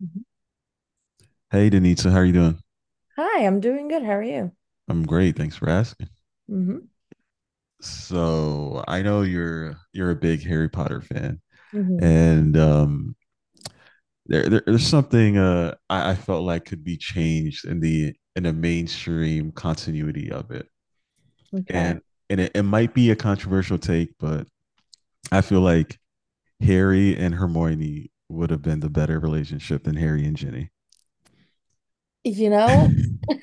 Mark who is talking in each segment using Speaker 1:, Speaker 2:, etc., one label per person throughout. Speaker 1: Mhm.
Speaker 2: Hey, Denita, how are you doing?
Speaker 1: Hi, I'm doing good. How are you?
Speaker 2: I'm great. Thanks for asking.
Speaker 1: hmm
Speaker 2: So I know you're a big Harry Potter fan,
Speaker 1: hmm
Speaker 2: and there's something I felt like could be changed in the mainstream continuity of it,
Speaker 1: Okay.
Speaker 2: and and it might be a controversial take, but I feel like Harry and Hermione would have been the better relationship than Harry and Ginny.
Speaker 1: You know,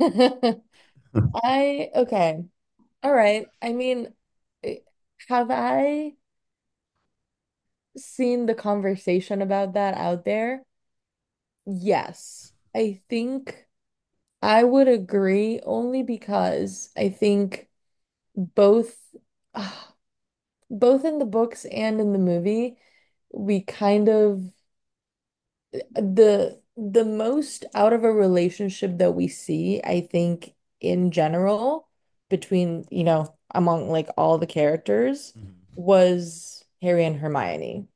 Speaker 1: okay. All right. I mean, eh, have I seen the conversation about that out there? Yes. I think I would agree only because I think both, ah, both in the books and in the movie, we kind of the most out of a relationship that we see, I think in general, between, you know, among like all the characters
Speaker 2: Mhm.
Speaker 1: was Harry and Hermione.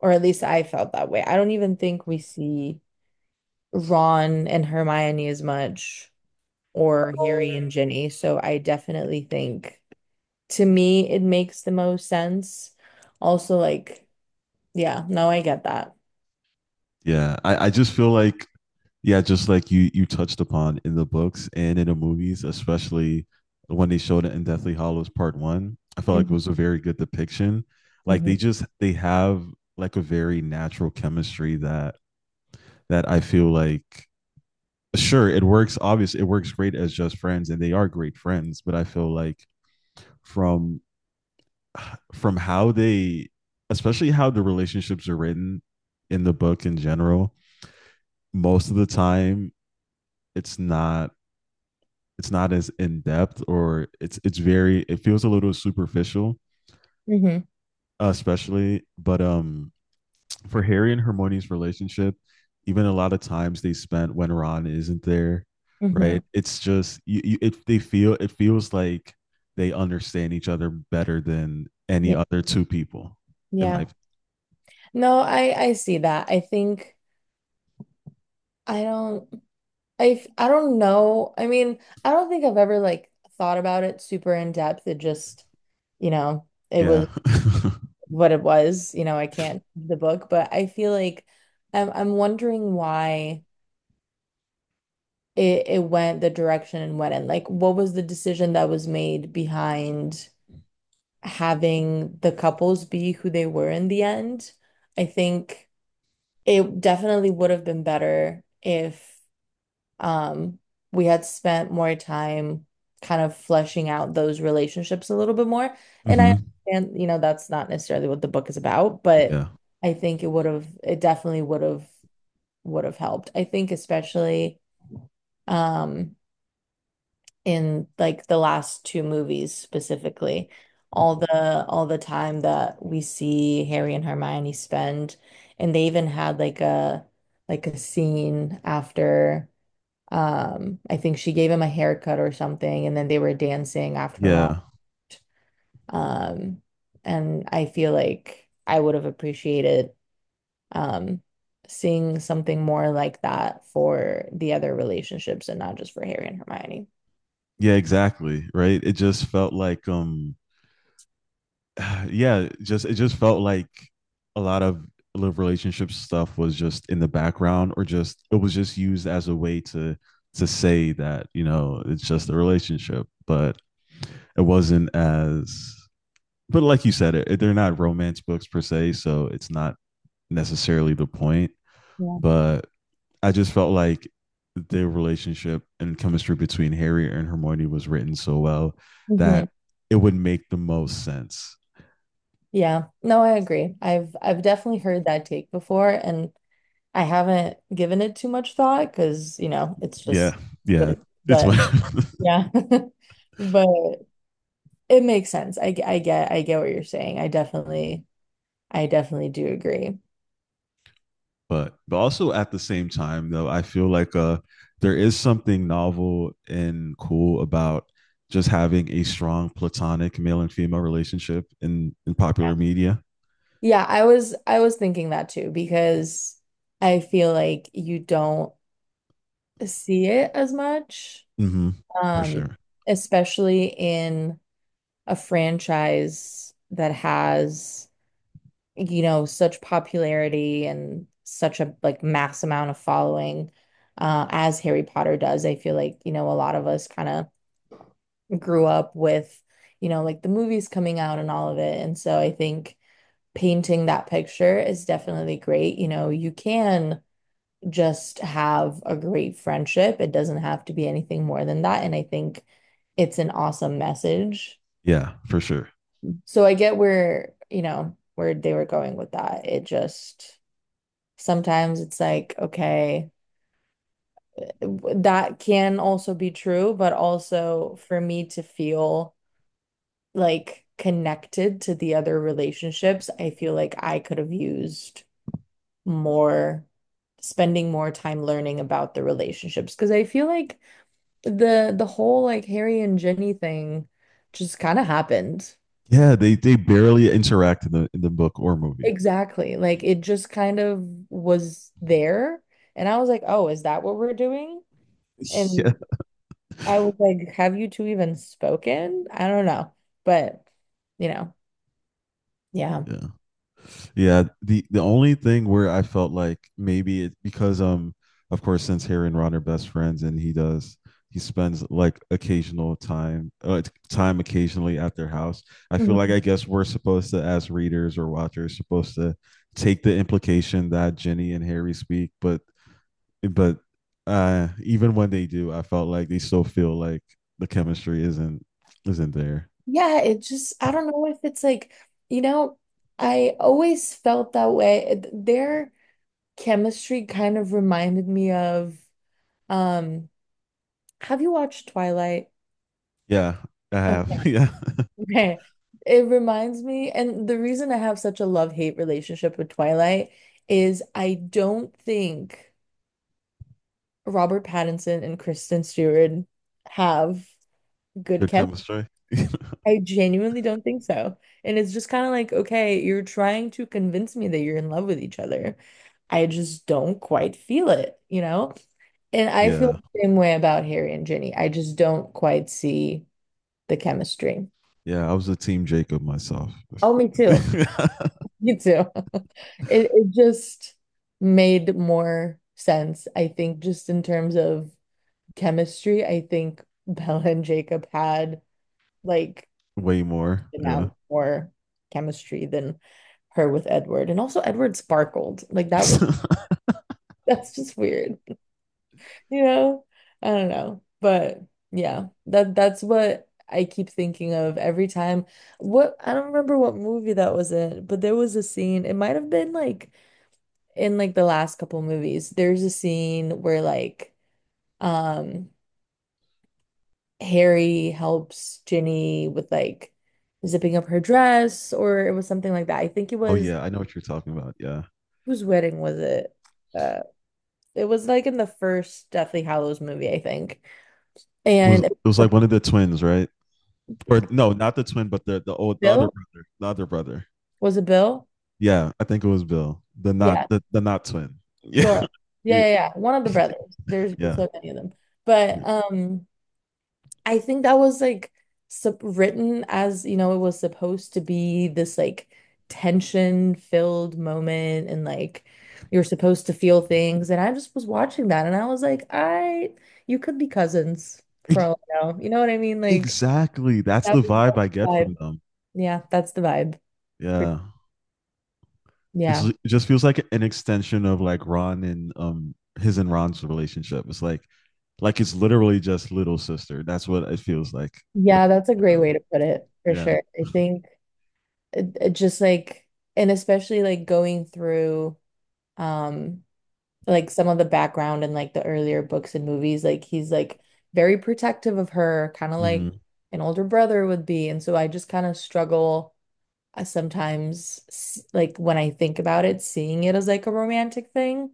Speaker 1: Or at least I felt that way. I don't even think we see Ron and Hermione as much or Harry and Ginny. So I definitely think to me it makes the most sense. Also like, yeah, no, I get that.
Speaker 2: I just feel like yeah, just like you touched upon in the books and in the movies, especially when they showed it in Deathly Hollows Part One. I felt like it
Speaker 1: hmm
Speaker 2: was a very good depiction. Like they
Speaker 1: hmm
Speaker 2: just they have like a very natural chemistry that I feel like sure it works. Obviously, it works great as just friends, and they are great friends. But I feel like from from how they, especially how the relationships are written in the book in general, most of the time it's not it's not as in depth or it's very it feels a little superficial,
Speaker 1: hmm
Speaker 2: especially. But for Harry and Hermione's relationship, even a lot of times they spent when Ron isn't there,
Speaker 1: hmm
Speaker 2: right? It's just you, it feels like they understand each other better than any
Speaker 1: Yeah.
Speaker 2: other two people. In my
Speaker 1: Yeah. No, I see that. I think I don't I don't know. I mean, I don't think I've ever like thought about it super in depth. It just, you know, it
Speaker 2: yeah.
Speaker 1: was what it was. You know, I can't read the book, but I feel like I'm wondering why it went the direction it went in. Like, what was the decision that was made behind having the couples be who they were in the end? I think it definitely would have been better if um, we had spent more time kind of fleshing out those relationships a little bit more. And I
Speaker 2: Hmm.
Speaker 1: understand, you know, that's not necessarily what the book is about, but
Speaker 2: Yeah.
Speaker 1: I think it definitely would have helped. I think especially um, in like the last two movies specifically, all the time that we see Harry and Hermione spend, and they even had like a scene after I think she gave him a haircut or something, and then they were dancing after Ron.
Speaker 2: Yeah.
Speaker 1: Um, and I feel like I would have appreciated um seeing something more like that for the other relationships and not just for Harry and Hermione.
Speaker 2: Yeah, exactly. Right. It just felt like yeah, just it just felt like a lot of love relationship stuff was just in the background or just it was just used as a way to say that, you know, it's just a relationship, but it wasn't as but like you said it, they're not romance books per se, so it's not necessarily the point,
Speaker 1: Yeah.
Speaker 2: but I just felt like the relationship and chemistry between Harry and Hermione was written so well
Speaker 1: hmm
Speaker 2: that it would make the most sense.
Speaker 1: Yeah. No, I agree. I've definitely heard that take before, and I haven't given it too much thought because, you know, it's
Speaker 2: Yeah,
Speaker 1: just what
Speaker 2: yeah,
Speaker 1: it,
Speaker 2: it's what.
Speaker 1: but yeah. But it makes sense. I get what you're saying. I definitely do agree.
Speaker 2: But also at the same time though, I feel like there is something novel and cool about just having a strong platonic male and female relationship in
Speaker 1: Yeah.
Speaker 2: popular media.
Speaker 1: Yeah, I was thinking that too because I feel like you don't see it as much,
Speaker 2: Hmm. For
Speaker 1: um,
Speaker 2: sure.
Speaker 1: especially in a franchise that has, you know, such popularity and such a like mass amount of following, as Harry Potter does. I feel like, you know, a lot of us kind of grew up with, you know, like the movies coming out and all of it. And so I think painting that picture is definitely great. You know, you can just have a great friendship, it doesn't have to be anything more than that. And I think it's an awesome message.
Speaker 2: Yeah, for sure.
Speaker 1: So I get where, you know, where they were going with that. It just sometimes it's like, okay, that can also be true, but also for me to feel like connected to the other relationships, I feel like I could have used more spending more time learning about the relationships because I feel like the whole like Harry and Ginny thing just kind of happened.
Speaker 2: Yeah, they barely interact in the book or movie.
Speaker 1: Exactly. Like it just kind of was there and I was like, "Oh, is that what we're doing?"
Speaker 2: Yeah,
Speaker 1: And I was like, "Have you two even spoken?" I don't know. But, you know, yeah.
Speaker 2: yeah, yeah. The only thing where I felt like maybe it because of course since Harry and Ron are best friends and he spends like occasional time occasionally at their house. I feel like I guess we're supposed to as readers or watchers supposed to take the implication that Ginny and Harry speak, but even when they do, I felt like they still feel like the chemistry isn't there.
Speaker 1: Yeah, it just, I don't know if it's like, you know, I always felt that way. Their chemistry kind of reminded me of, um, have you watched Twilight?
Speaker 2: Yeah, I have.
Speaker 1: Okay,
Speaker 2: Yeah.
Speaker 1: okay. It reminds me, and the reason I have such a love-hate relationship with Twilight is I don't think Robert Pattinson and Kristen Stewart have good
Speaker 2: Good
Speaker 1: chemistry.
Speaker 2: chemistry.
Speaker 1: I genuinely don't think so. And it's just kind of like, okay, you're trying to convince me that you're in love with each other. I just don't quite feel it, you know? And I feel
Speaker 2: Yeah.
Speaker 1: the same way about Harry and Ginny. I just don't quite see the chemistry.
Speaker 2: Yeah. I was a team Jacob myself.
Speaker 1: Oh, me too. Me too. It just made more sense, I think, just in terms of chemistry. I think Bella and Jacob had like
Speaker 2: Way more. Yeah.
Speaker 1: amount more chemistry than her with Edward. And also Edward sparkled. Like that was that's just weird. You know? I don't know. But yeah, that that's what I keep thinking of every time. What I don't remember what movie that was in, but there was a scene, it might have been like in like the last couple movies. There's a scene where like um Harry helps Ginny with like zipping up her dress or it was something like that. I think it
Speaker 2: Oh
Speaker 1: was
Speaker 2: yeah, I know what you're talking about. Yeah.
Speaker 1: whose wedding was it? Uh, it was like in the first Deathly Hallows movie, I think.
Speaker 2: It was it
Speaker 1: And
Speaker 2: was like one of the twins, right? Or no, not the twin, but the other
Speaker 1: Bill
Speaker 2: brother. The other brother.
Speaker 1: was it Bill?
Speaker 2: Yeah, I think it was Bill, the
Speaker 1: Yeah,
Speaker 2: not the, the not twin. Yeah,
Speaker 1: sure. Yeah,
Speaker 2: yeah,
Speaker 1: yeah, yeah. One of the brothers. There's just
Speaker 2: yeah.
Speaker 1: so many of them. But I think that was like sup written as you know, it was supposed to be this like tension-filled moment, and like you're supposed to feel things. And I just was watching that, and I was like, you could be cousins for
Speaker 2: Ex-
Speaker 1: all I know. You know what I mean? Like.
Speaker 2: exactly. That's
Speaker 1: That
Speaker 2: the
Speaker 1: is
Speaker 2: vibe
Speaker 1: the
Speaker 2: I get from
Speaker 1: vibe.
Speaker 2: them.
Speaker 1: Yeah, that's the vibe. For-
Speaker 2: Yeah. It's
Speaker 1: Yeah.
Speaker 2: it just feels like an extension of like Ron and his and Ron's relationship. It's like it's literally just little sister. That's what it feels like with
Speaker 1: Yeah, that's a great
Speaker 2: them.
Speaker 1: way to put it for
Speaker 2: Yeah.
Speaker 1: sure. I think it just like and especially like going through um like some of the background and like the earlier books and movies, like he's like very protective of her, kind of like
Speaker 2: Mhm.
Speaker 1: an older brother would be. And so I just kind of struggle sometimes like when I think about it, seeing it as like a romantic thing.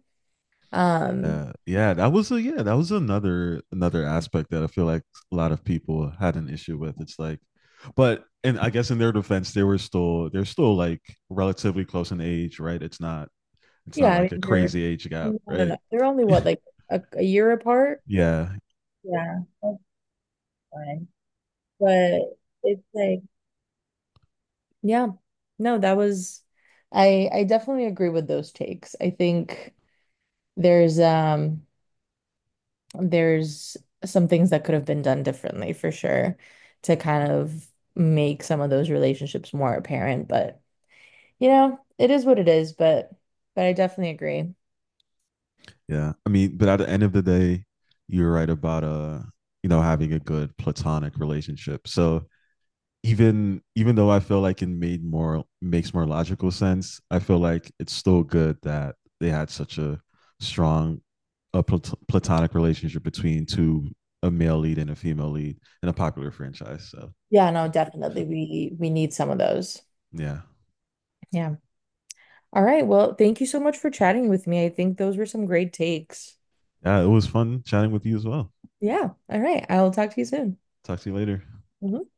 Speaker 1: Um,
Speaker 2: Yeah. Yeah. That was another aspect that I feel like a lot of people had an issue with. It's like but and I guess in their defense, they're still like relatively close in age, right? It's
Speaker 1: Yeah,
Speaker 2: not
Speaker 1: I mean
Speaker 2: like a
Speaker 1: they're
Speaker 2: crazy age gap,
Speaker 1: no, no,
Speaker 2: right?
Speaker 1: no. They're only what like a year apart.
Speaker 2: Yeah.
Speaker 1: Yeah, that's fine. But it's like, yeah. No, that was I definitely agree with those takes. I think there's um there's some things that could have been done differently for sure to kind of make some of those relationships more apparent, but you know, it is what it is, but I definitely agree.
Speaker 2: Yeah. I mean, but at the end of the day, you're right about you know, having a good platonic relationship. So even though I feel like it made more makes more logical sense, I feel like it's still good that they had such a strong platonic relationship between two a male lead and a female lead in a popular franchise. So
Speaker 1: Yeah, no,
Speaker 2: yeah.
Speaker 1: definitely we need some of those.
Speaker 2: Yeah.
Speaker 1: Yeah. All right. Well, thank you so much for chatting with me. I think those were some great takes.
Speaker 2: Yeah, it was fun chatting with you as well.
Speaker 1: Yeah. All right. I'll talk to you soon.
Speaker 2: Talk to you later.
Speaker 1: Mhm.